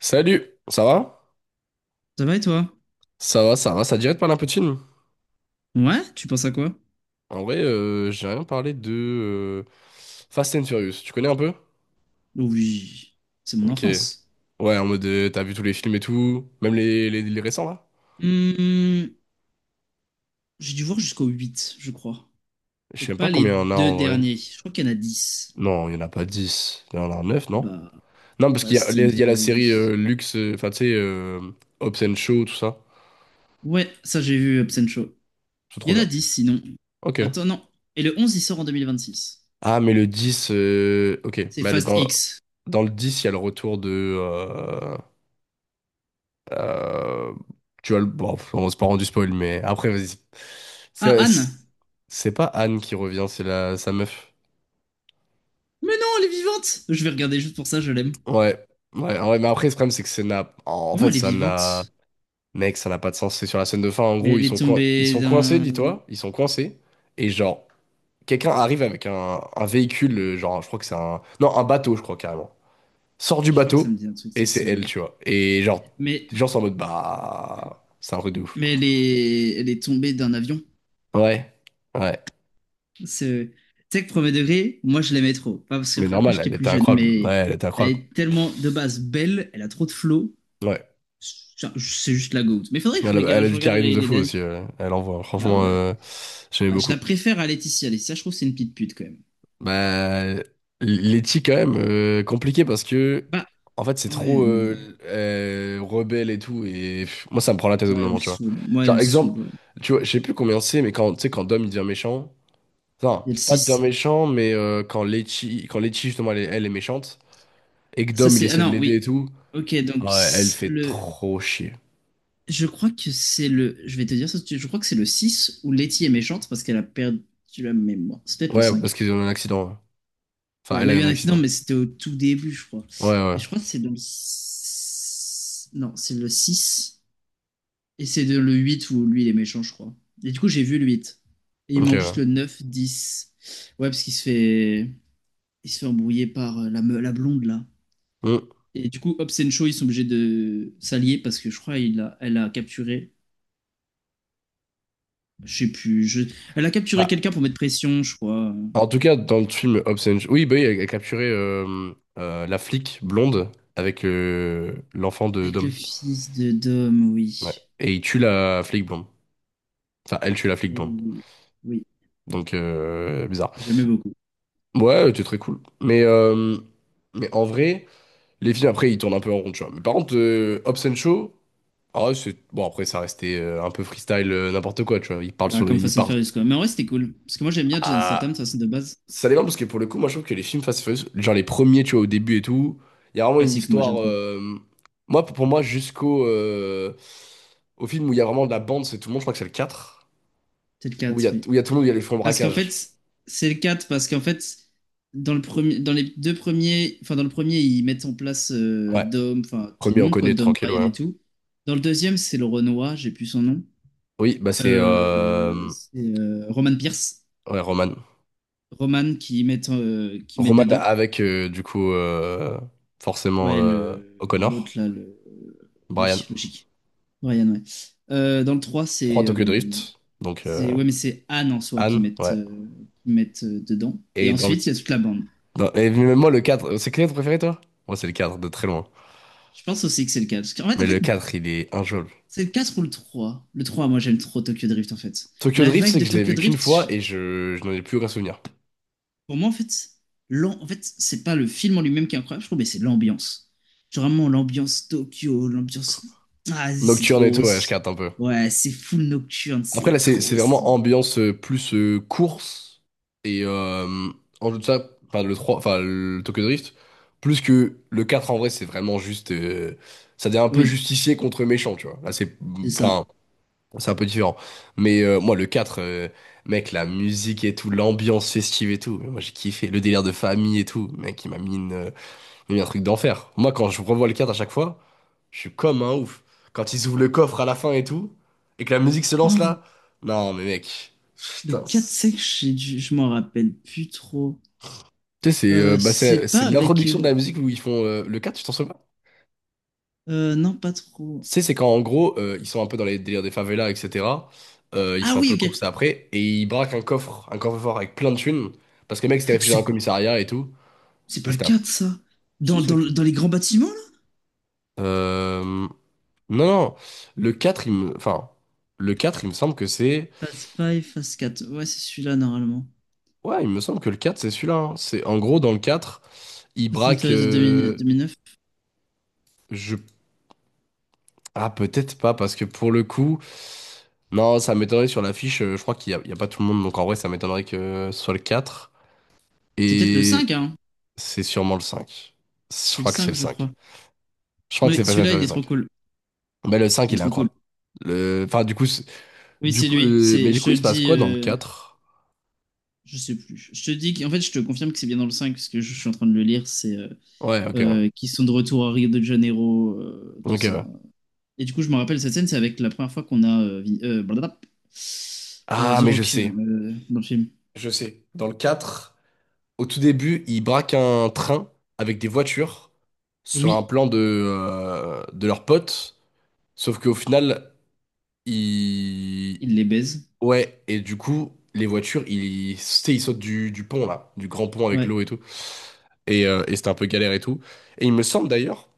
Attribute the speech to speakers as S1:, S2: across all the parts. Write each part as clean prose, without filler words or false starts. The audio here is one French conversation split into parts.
S1: Salut, ça va?
S2: Ça va et toi?
S1: Ça va, ça va, ça te dirait de parler un peu de film?
S2: Ouais, tu penses à quoi?
S1: En vrai, j'ai rien parlé de Fast and Furious. Tu connais un peu?
S2: Oh, oui, c'est mon
S1: Ok.
S2: enfance.
S1: Ouais, en mode t'as vu tous les films et tout, même les récents là?
S2: Hmm, j'ai dû voir jusqu'au 8, je crois.
S1: Je sais
S2: Donc
S1: même pas
S2: pas les
S1: combien il y en a
S2: deux
S1: en vrai.
S2: derniers. Je crois qu'il y en a 10.
S1: Non, il y en a pas 10. Il y en a 9,
S2: Ah
S1: non?
S2: bah,
S1: Non, parce qu'
S2: Fast and
S1: il y a la série
S2: Furious.
S1: Luxe, enfin tu sais, Hobbs and Shaw, tout ça.
S2: Ouais, ça j'ai vu Hobbs and Shaw.
S1: C'est trop
S2: Il y en a
S1: bien.
S2: 10 sinon.
S1: Ok.
S2: Attends, non. Et le 11 il sort en 2026.
S1: Ah, mais le 10, ok.
S2: C'est Fast
S1: Dans,
S2: X.
S1: dans le 10 il y a le retour de. euh, Euh, Tu vois, bon, on s'est pas rendu spoil, mais après, vas-y.
S2: Ah,
S1: C'est
S2: Anne!
S1: c'est pas Anne qui revient, c'est la sa meuf.
S2: Mais non, elle est vivante! Je vais regarder juste pour ça, je l'aime.
S1: Ouais, ouais, ouais, mais après, le problème, c'est que ça n'a. En
S2: Comment
S1: fait,
S2: elle est
S1: ça n'a.
S2: vivante?
S1: Mec, ça n'a pas de sens. C'est sur la scène de fin. En
S2: Mais
S1: gros,
S2: elle est
S1: ils
S2: tombée
S1: sont coincés,
S2: d'un...
S1: dis-toi. Ils sont coincés. Et genre, quelqu'un arrive avec un véhicule, genre, je crois que c'est un. Non, un bateau, je crois carrément. Sort du
S2: Je crois que ça
S1: bateau,
S2: me dit un truc,
S1: et
S2: cette
S1: c'est elle,
S2: scène.
S1: tu vois. Et genre,
S2: Mais
S1: les gens sont en mode, bah. C'est un truc de ouf.
S2: Mais elle est tombée d'un avion.
S1: Ouais, ouais.
S2: C'est- Tu sais que premier degré, moi je l'aimais trop. Pas parce
S1: Mais
S2: que après
S1: normal,
S2: j'étais
S1: elle
S2: plus
S1: était
S2: jeune,
S1: incroyable. Ouais,
S2: mais
S1: elle était
S2: elle
S1: incroyable.
S2: est tellement de base belle, elle a trop de flow.
S1: Ouais.
S2: C'est juste la goutte. Mais faudrait que je
S1: Elle a, elle
S2: regarde,
S1: a
S2: je
S1: du
S2: regarde
S1: charisme
S2: les,
S1: de
S2: les
S1: fou
S2: derniers.
S1: aussi. Elle envoie.
S2: Bah
S1: Franchement,
S2: ouais.
S1: j'aimais
S2: Bah, je la
S1: beaucoup.
S2: préfère à Laetitia. Laetitia, je trouve que c'est une petite pute quand même.
S1: Bah, Letty, quand même, compliqué parce que,
S2: Bah
S1: en fait, c'est trop
S2: ouais, mais.
S1: rebelle et tout. Et pff, moi, ça me prend la tête au
S2: Ouais,
S1: bout d'un
S2: elle me
S1: moment, tu vois.
S2: saoule. Moi, elle
S1: Genre,
S2: me saoule.
S1: exemple,
S2: Ouais.
S1: tu vois, je sais plus combien c'est, mais quand, tu sais, quand Dom, il devient méchant. Non
S2: Il y a le
S1: pas de Dom
S2: six.
S1: méchant, mais quand Letty, justement, elle est méchante. Et que
S2: Ça
S1: Dom, il
S2: c'est. Ah
S1: essaie de
S2: non, oui.
S1: l'aider et tout.
S2: Ok, donc
S1: Ouais, elle fait
S2: le.
S1: trop chier.
S2: Je crois que c'est le. Je vais te dire ça, tout de suite. Je crois que c'est le 6 où Letty est méchante parce qu'elle a perdu la mémoire. C'est peut-être le
S1: Ouais, parce
S2: 5.
S1: qu'ils ont eu un accident. Enfin,
S2: Ouais,
S1: elle
S2: elle
S1: a
S2: a
S1: eu
S2: eu
S1: un
S2: un accident,
S1: accident.
S2: mais c'était au tout début, je crois.
S1: Ouais, ouais.
S2: Et je crois que c'est dans le. Non, c'est le six. Et c'est de le 8 où lui, il est méchant, je crois. Et du coup, j'ai vu le 8. Et il
S1: Ok,
S2: manque
S1: ouais.
S2: juste le 9, 10. Ouais, parce qu'il se fait. Il se fait embrouiller par la blonde, là.
S1: Hmm.
S2: Et du coup, Hobbs et Shaw, ils sont obligés de s'allier parce que je crois. Elle a capturé. Je sais plus. Je. Elle a capturé
S1: Bah,
S2: quelqu'un pour mettre pression, je crois.
S1: en tout cas, dans le film Hobbs and Shaw, oui, bah oui, elle a capturé la flic blonde avec l'enfant de
S2: Avec le
S1: Dom.
S2: fils de Dom,
S1: Ouais.
S2: oui.
S1: Et il tue la flic blonde. Enfin, elle tue la flic
S2: Et
S1: blonde.
S2: oui, oui,
S1: Donc, bizarre.
S2: j'aimais beaucoup.
S1: Ouais, c'était très cool. Mais en vrai, les films, après, ils tournent un peu en rond, tu vois. Mais par contre, Hobbs and Shaw, ah ouais, c'est. Bon, après, ça restait un peu freestyle, n'importe quoi, tu vois. Il parle
S2: Bah,
S1: sur les.
S2: comme
S1: Il
S2: Fast and
S1: parle.
S2: Furious, quoi. Mais en vrai, c'était cool. Parce que moi, j'aime bien John Statham, ça c'est de base.
S1: Ça dépend parce que pour le coup, moi je trouve que les films Fast and Furious, genre les premiers, tu vois, au début et tout, il y a vraiment une
S2: Classique, moi,
S1: histoire.
S2: j'aime trop.
S1: Moi, pour moi, jusqu'au au film où il y a vraiment de la bande, c'est tout le monde, je crois que c'est le quatre
S2: C'est le 4, oui.
S1: où il y a tout le monde, où il y a les fonds de
S2: Parce qu'en
S1: braquage.
S2: fait, c'est le quatre. Parce qu'en fait, dans le premier, dans les deux premiers, enfin, dans le premier, ils mettent en place
S1: Ouais,
S2: Dom, enfin, tout
S1: premier,
S2: le
S1: on
S2: monde, quoi,
S1: connaît,
S2: Dom,
S1: tranquille,
S2: Brian
S1: ouais.
S2: et tout. Dans le deuxième, c'est le Renoir, j'ai plus son nom.
S1: Oui, bah c'est
S2: Euh, c'est euh, Roman Pierce.
S1: ouais, Roman.
S2: Roman qui mettent
S1: Roman
S2: dedans.
S1: avec, du coup, forcément
S2: Ouais, le,
S1: O'Connor,
S2: l'autre là, le.
S1: Brian.
S2: Oui, logique. Ryan, ouais. Dans le 3
S1: 3
S2: c'est.
S1: Tokyo Drift, donc
S2: C'est ouais, mais c'est Anne en soi qui
S1: Anne,
S2: mettent,
S1: ouais.
S2: euh, qui mettent euh, dedans. Et
S1: Et dans le.
S2: ensuite, il y a toute la bande.
S1: Et même moi, le 4. C'est quel est ton préféré, toi? Moi, c'est le 4 de très loin.
S2: Je pense aussi que c'est le quatre. Parce qu'en fait,
S1: Mais
S2: en
S1: le
S2: fait
S1: 4 il est injouable.
S2: c'est le quatre ou le 3. Le 3 moi, j'aime trop Tokyo Drift, en fait.
S1: Tokyo
S2: La
S1: Drift,
S2: vibe
S1: c'est
S2: de
S1: que je l'ai
S2: Tokyo
S1: vu qu'une
S2: Drift,
S1: fois et je n'en ai plus aucun souvenir.
S2: pour moi, en fait, en fait, c'est pas le film en lui-même qui est incroyable, je trouve, mais c'est l'ambiance. Genre vraiment, l'ambiance Tokyo, l'ambiance. Ah, c'est c'est
S1: Nocturne et tout,
S2: trop.
S1: ouais, je
S2: c'est-
S1: carte un peu.
S2: Ouais, c'est full nocturne,
S1: Après, là,
S2: c'est
S1: c'est
S2: trop
S1: vraiment
S2: stylé.
S1: ambiance plus course et en jeu de ça, enfin, le 3 enfin, le Tokyo Drift, plus que le 4 en vrai, c'est vraiment juste. Ça devient un peu
S2: Oui,
S1: justicier contre méchant, tu vois. Là, c'est.
S2: c'est ça.
S1: Enfin, c'est un peu différent. Mais moi, le 4 mec, la musique et tout, l'ambiance festive et tout, moi, j'ai kiffé. Le délire de famille et tout, mec, il m'a mis une. Mais un truc d'enfer. Moi, quand je revois le 4 à chaque fois, je suis comme un ouf. Quand ils ouvrent le coffre à la fin et tout, et que la musique se lance
S2: Oh,
S1: là, non, mais mec,
S2: le
S1: putain.
S2: quatre
S1: C'est.
S2: cinq je m'en rappelle plus trop.
S1: Tu sais, c'est bah,
S2: C'est
S1: c'est
S2: pas avec.
S1: l'introduction de la musique où ils font le quatre, tu t'en souviens pas?
S2: Non, pas trop.
S1: Tu sais, c'est quand en gros, ils sont un peu dans les délires des favelas, etc. Ils
S2: Ah
S1: sont un
S2: oui,
S1: peu
S2: ok.
S1: coursés après, et ils braquent un coffre, un coffre-fort avec plein de thunes, parce que le mec s'était réfugié dans
S2: C'est
S1: un commissariat et tout,
S2: c'est
S1: et
S2: pas le
S1: c'était un.
S2: 4 ça. Dans les grands bâtiments, là?
S1: Euh... Non, non, le 4 il me. Enfin, le 4 il me semble que c'est.
S2: Phase 5, Phase quatre. Ouais, c'est celui-là, normalement.
S1: Ouais, il me semble que le 4 c'est celui-là. Hein. C'est en gros dans le 4, il
S2: Fast and
S1: braque
S2: Furious de deux mille deux mille neuf.
S1: je ah peut-être pas parce que pour le coup non, ça m'étonnerait sur l'affiche, je crois qu'il y a pas tout le monde donc en vrai ça m'étonnerait que ce soit le 4
S2: C'est peut-être le
S1: et
S2: 5 hein.
S1: c'est sûrement le 5. Je
S2: C'est le
S1: crois que c'est
S2: 5,
S1: le
S2: je
S1: 5.
S2: crois.
S1: Je crois que c'est
S2: Oui,
S1: Fast and
S2: celui-là, il
S1: Furious
S2: est trop
S1: cinq.
S2: cool.
S1: Mais le cinq
S2: Il est
S1: il est
S2: trop cool.
S1: incroyable. Le enfin du coup c'est-
S2: Oui,
S1: du
S2: c'est
S1: coup
S2: lui.
S1: le mais
S2: C'est,
S1: du
S2: je te
S1: coup
S2: le
S1: il se passe
S2: dis,
S1: quoi dans le quatre?
S2: je sais plus. Je te dis qu'en fait, je te confirme que c'est bien dans le 5, parce que je suis en train de le lire. C'est euh,
S1: Ouais, OK.
S2: euh, qu'ils sont de retour à Rio de Janeiro, tout
S1: OK,
S2: ça.
S1: ouais.
S2: Et du coup, je me rappelle cette scène, c'est avec la première fois qu'on a blablabla,
S1: Ah,
S2: The
S1: mais je
S2: Rock
S1: sais.
S2: dans le film.
S1: Je sais. Dans le 4. Au tout début, ils braquent un train avec des voitures sur un
S2: Oui,
S1: plan de leurs potes. Sauf qu'au final, ils.
S2: il les baise.
S1: Ouais, et du coup, les voitures, ils, tu sais, ils sautent du pont, là, du grand pont avec
S2: Ouais,
S1: l'eau et tout. Et c'était un peu galère et tout. Et il me semble d'ailleurs,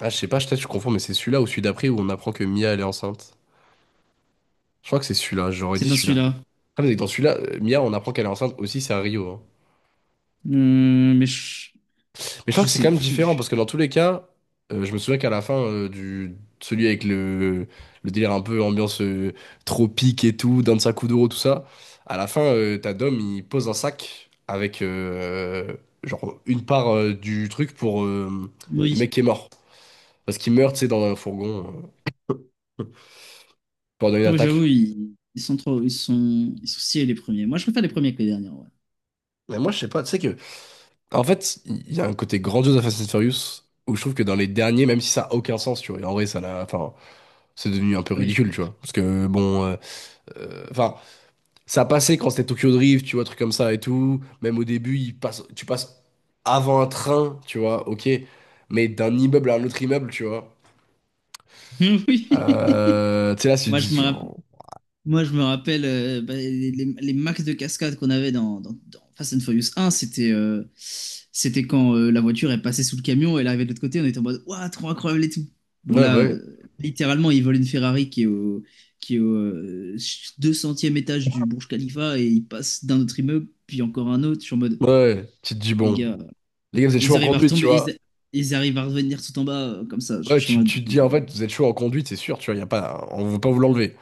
S1: ah, je sais pas, peut-être je suis confonds, mais c'est celui-là ou celui d'après où on apprend que Mia, elle est enceinte. Je crois que c'est celui-là, j'aurais
S2: c'est
S1: dit
S2: dans
S1: celui-là.
S2: celui-là.
S1: Ah, mais dans celui-là, Mia, on apprend qu'elle est enceinte aussi, c'est à Rio, hein.
S2: Mais je,
S1: Mais je crois
S2: je
S1: que c'est
S2: sais
S1: quand même différent
S2: plus.
S1: parce que dans tous les cas, je me souviens qu'à la fin du celui avec le délire un peu ambiance tropique et tout, Dansa Kuduro, tout ça, à la fin, t'as Dom, il pose un sac avec genre une part du truc pour le
S2: Oui,
S1: mec qui est mort. Parce qu'il meurt, tu sais, dans un fourgon euh, pendant une
S2: ah ouais, j'avoue,
S1: attaque.
S2: ils sont trop, ils sont sciés les premiers. Moi, je préfère les premiers que les derniers, ouais.
S1: Mais moi, je sais pas, tu sais que. En fait, il y a un côté grandiose à Fast and Furious où je trouve que dans les derniers, même si ça a aucun sens, tu vois, et en vrai, ça l'a. Enfin, c'est devenu un peu
S2: Oui.
S1: ridicule, tu vois. Parce que bon. Enfin, ça passait quand c'était Tokyo Drift, tu vois, trucs comme ça et tout. Même au début, il passe, tu passes avant un train, tu vois, ok. Mais d'un immeuble à un autre immeuble, tu vois.
S2: Oui.
S1: Tu sais, là, tu te
S2: Moi, je me
S1: dis.
S2: rappelle,
S1: Oh,
S2: moi, je me rappelle bah, les max de cascade qu'on avait dans Fast and Furious 1, c'était quand la voiture est passée sous le camion, et elle arrivait de l'autre côté, on était en mode, waouh, trop incroyable et tout. Bon,
S1: ouais, bah
S2: là,
S1: ouais.
S2: littéralement, ils volent une Ferrari qui est au 200e étage du Burj Khalifa et ils passent d'un autre immeuble, puis encore un autre. Je suis en mode,
S1: Ouais, ouais. Tu te dis,
S2: les
S1: bon.
S2: gars.
S1: Les gars, vous êtes
S2: Et
S1: chaud
S2: ils
S1: en
S2: arrivent à
S1: conduite, tu
S2: retomber,
S1: vois.
S2: ils arrivent à revenir tout en bas, comme ça. Je
S1: Ouais,
S2: suis en
S1: tu,
S2: mode,
S1: tu te dis, en fait, vous êtes chaud en conduite, c'est sûr, tu vois, y a pas, on veut pas vous l'enlever.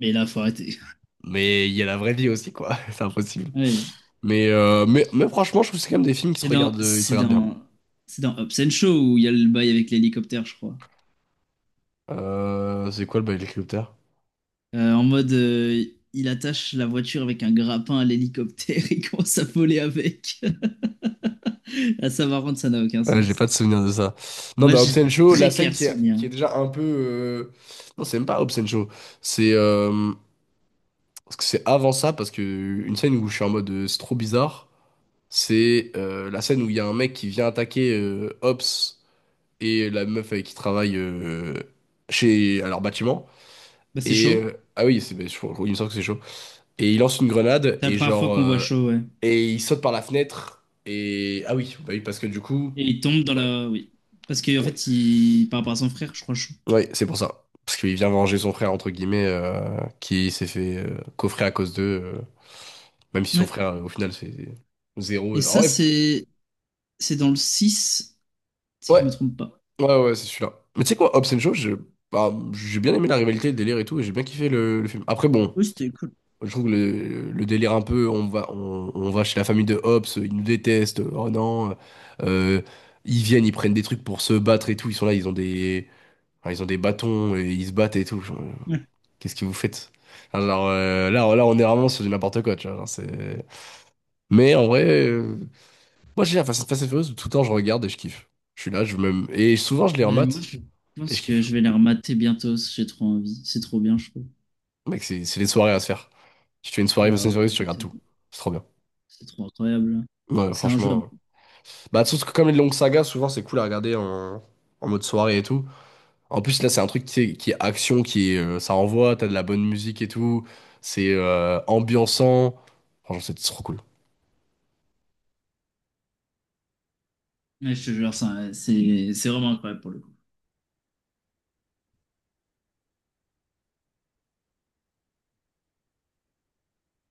S2: mais là, faut arrêter.
S1: Mais il y a la vraie vie aussi, quoi. C'est impossible.
S2: Ouais.
S1: Mais franchement, je trouve que c'est quand même des films qui se
S2: C'est dans,
S1: regardent, ils se
S2: c'est
S1: regardent bien.
S2: dans, c'est dans Hobbs and Shaw où il y a le bail avec l'hélicoptère, je crois.
S1: C'est quoi le Helicopter?
S2: En mode, il attache la voiture avec un grappin à l'hélicoptère et commence à voler avec. À savoir rendre ça n'a aucun
S1: Ouais, j'ai
S2: sens.
S1: pas de souvenir de ça. Non,
S2: Moi,
S1: dans
S2: j'ai
S1: Hobbs and Shaw, la
S2: très
S1: scène
S2: clair
S1: qui est,
S2: souvenir.
S1: qui est déjà un peu. Non, c'est même pas Hobbs and Shaw. C'est. Parce que c'est avant ça, parce que une scène où je suis en mode c'est trop bizarre, c'est la scène où il y a un mec qui vient attaquer Hobbs et la meuf avec qui il travaille à leur bâtiment.
S2: Bah, c'est
S1: Et.
S2: chaud.
S1: Ah oui, c'est. Ben, il me semble que c'est chaud. Et il lance une grenade
S2: C'est la
S1: et
S2: première fois
S1: genre.
S2: qu'on voit chaud, ouais.
S1: Et il saute par la fenêtre. Et. Ah oui, bah oui, parce que du coup,
S2: Et il tombe dans
S1: ouais.
S2: la. Oui. Parce que en
S1: Ouais.
S2: fait, il. Par rapport à son frère, je crois chaud.
S1: Oui, c'est pour ça. Parce qu'il vient venger son frère, entre guillemets, qui s'est fait coffrer à cause d'eux. Même si son frère, au final, c'est zéro.
S2: Et
S1: Ah
S2: ça,
S1: ouais,
S2: c'est. C'est dans le 6 si
S1: ouais,
S2: je me trompe pas.
S1: ouais, ouais, c'est celui-là. Mais tu sais quoi, Hobbs and Shaw, bah, j'ai bien aimé la rivalité, le délire et tout, et j'ai bien kiffé le film. Après, bon,
S2: Oui, c'était cool.
S1: je trouve que le délire un peu, on va chez la famille de Hobbs, ils nous détestent, oh non. euh, Ils viennent, ils prennent des trucs pour se battre et tout, ils sont là, ils ont des, enfin, ils ont des bâtons et ils se battent et tout.
S2: Ouais.
S1: Qu'est-ce que vous faites? Alors là, là, on est vraiment sur du n'importe quoi, tu vois. Genre, c'est. Mais en vrai, moi j'ai la Fast and Furious, tout le temps je regarde et je kiffe. Je suis là, je me. Et souvent je les
S2: Ben, moi,
S1: remate
S2: je
S1: et
S2: pense
S1: je
S2: que
S1: kiffe.
S2: je vais les remater bientôt, parce que j'ai trop envie. C'est trop bien, je trouve.
S1: Mec, c'est les soirées à se faire. Si tu fais une soirée Fast
S2: Bah,
S1: and Furious,
S2: ouais,
S1: tu regardes
S2: putain,
S1: tout. C'est trop bien.
S2: c'est trop incroyable.
S1: Ouais,
S2: C'est
S1: franchement.
S2: injouable.
S1: Bah, surtout que comme les longues sagas, souvent c'est cool à regarder en mode soirée et tout. En plus, là, c'est un truc qui est action, qui est, ça envoie, t'as de la bonne musique et tout. C'est ambiançant. Franchement, c'est trop cool.
S2: Ouais, je te jure, ça, c'est vraiment incroyable pour le coup.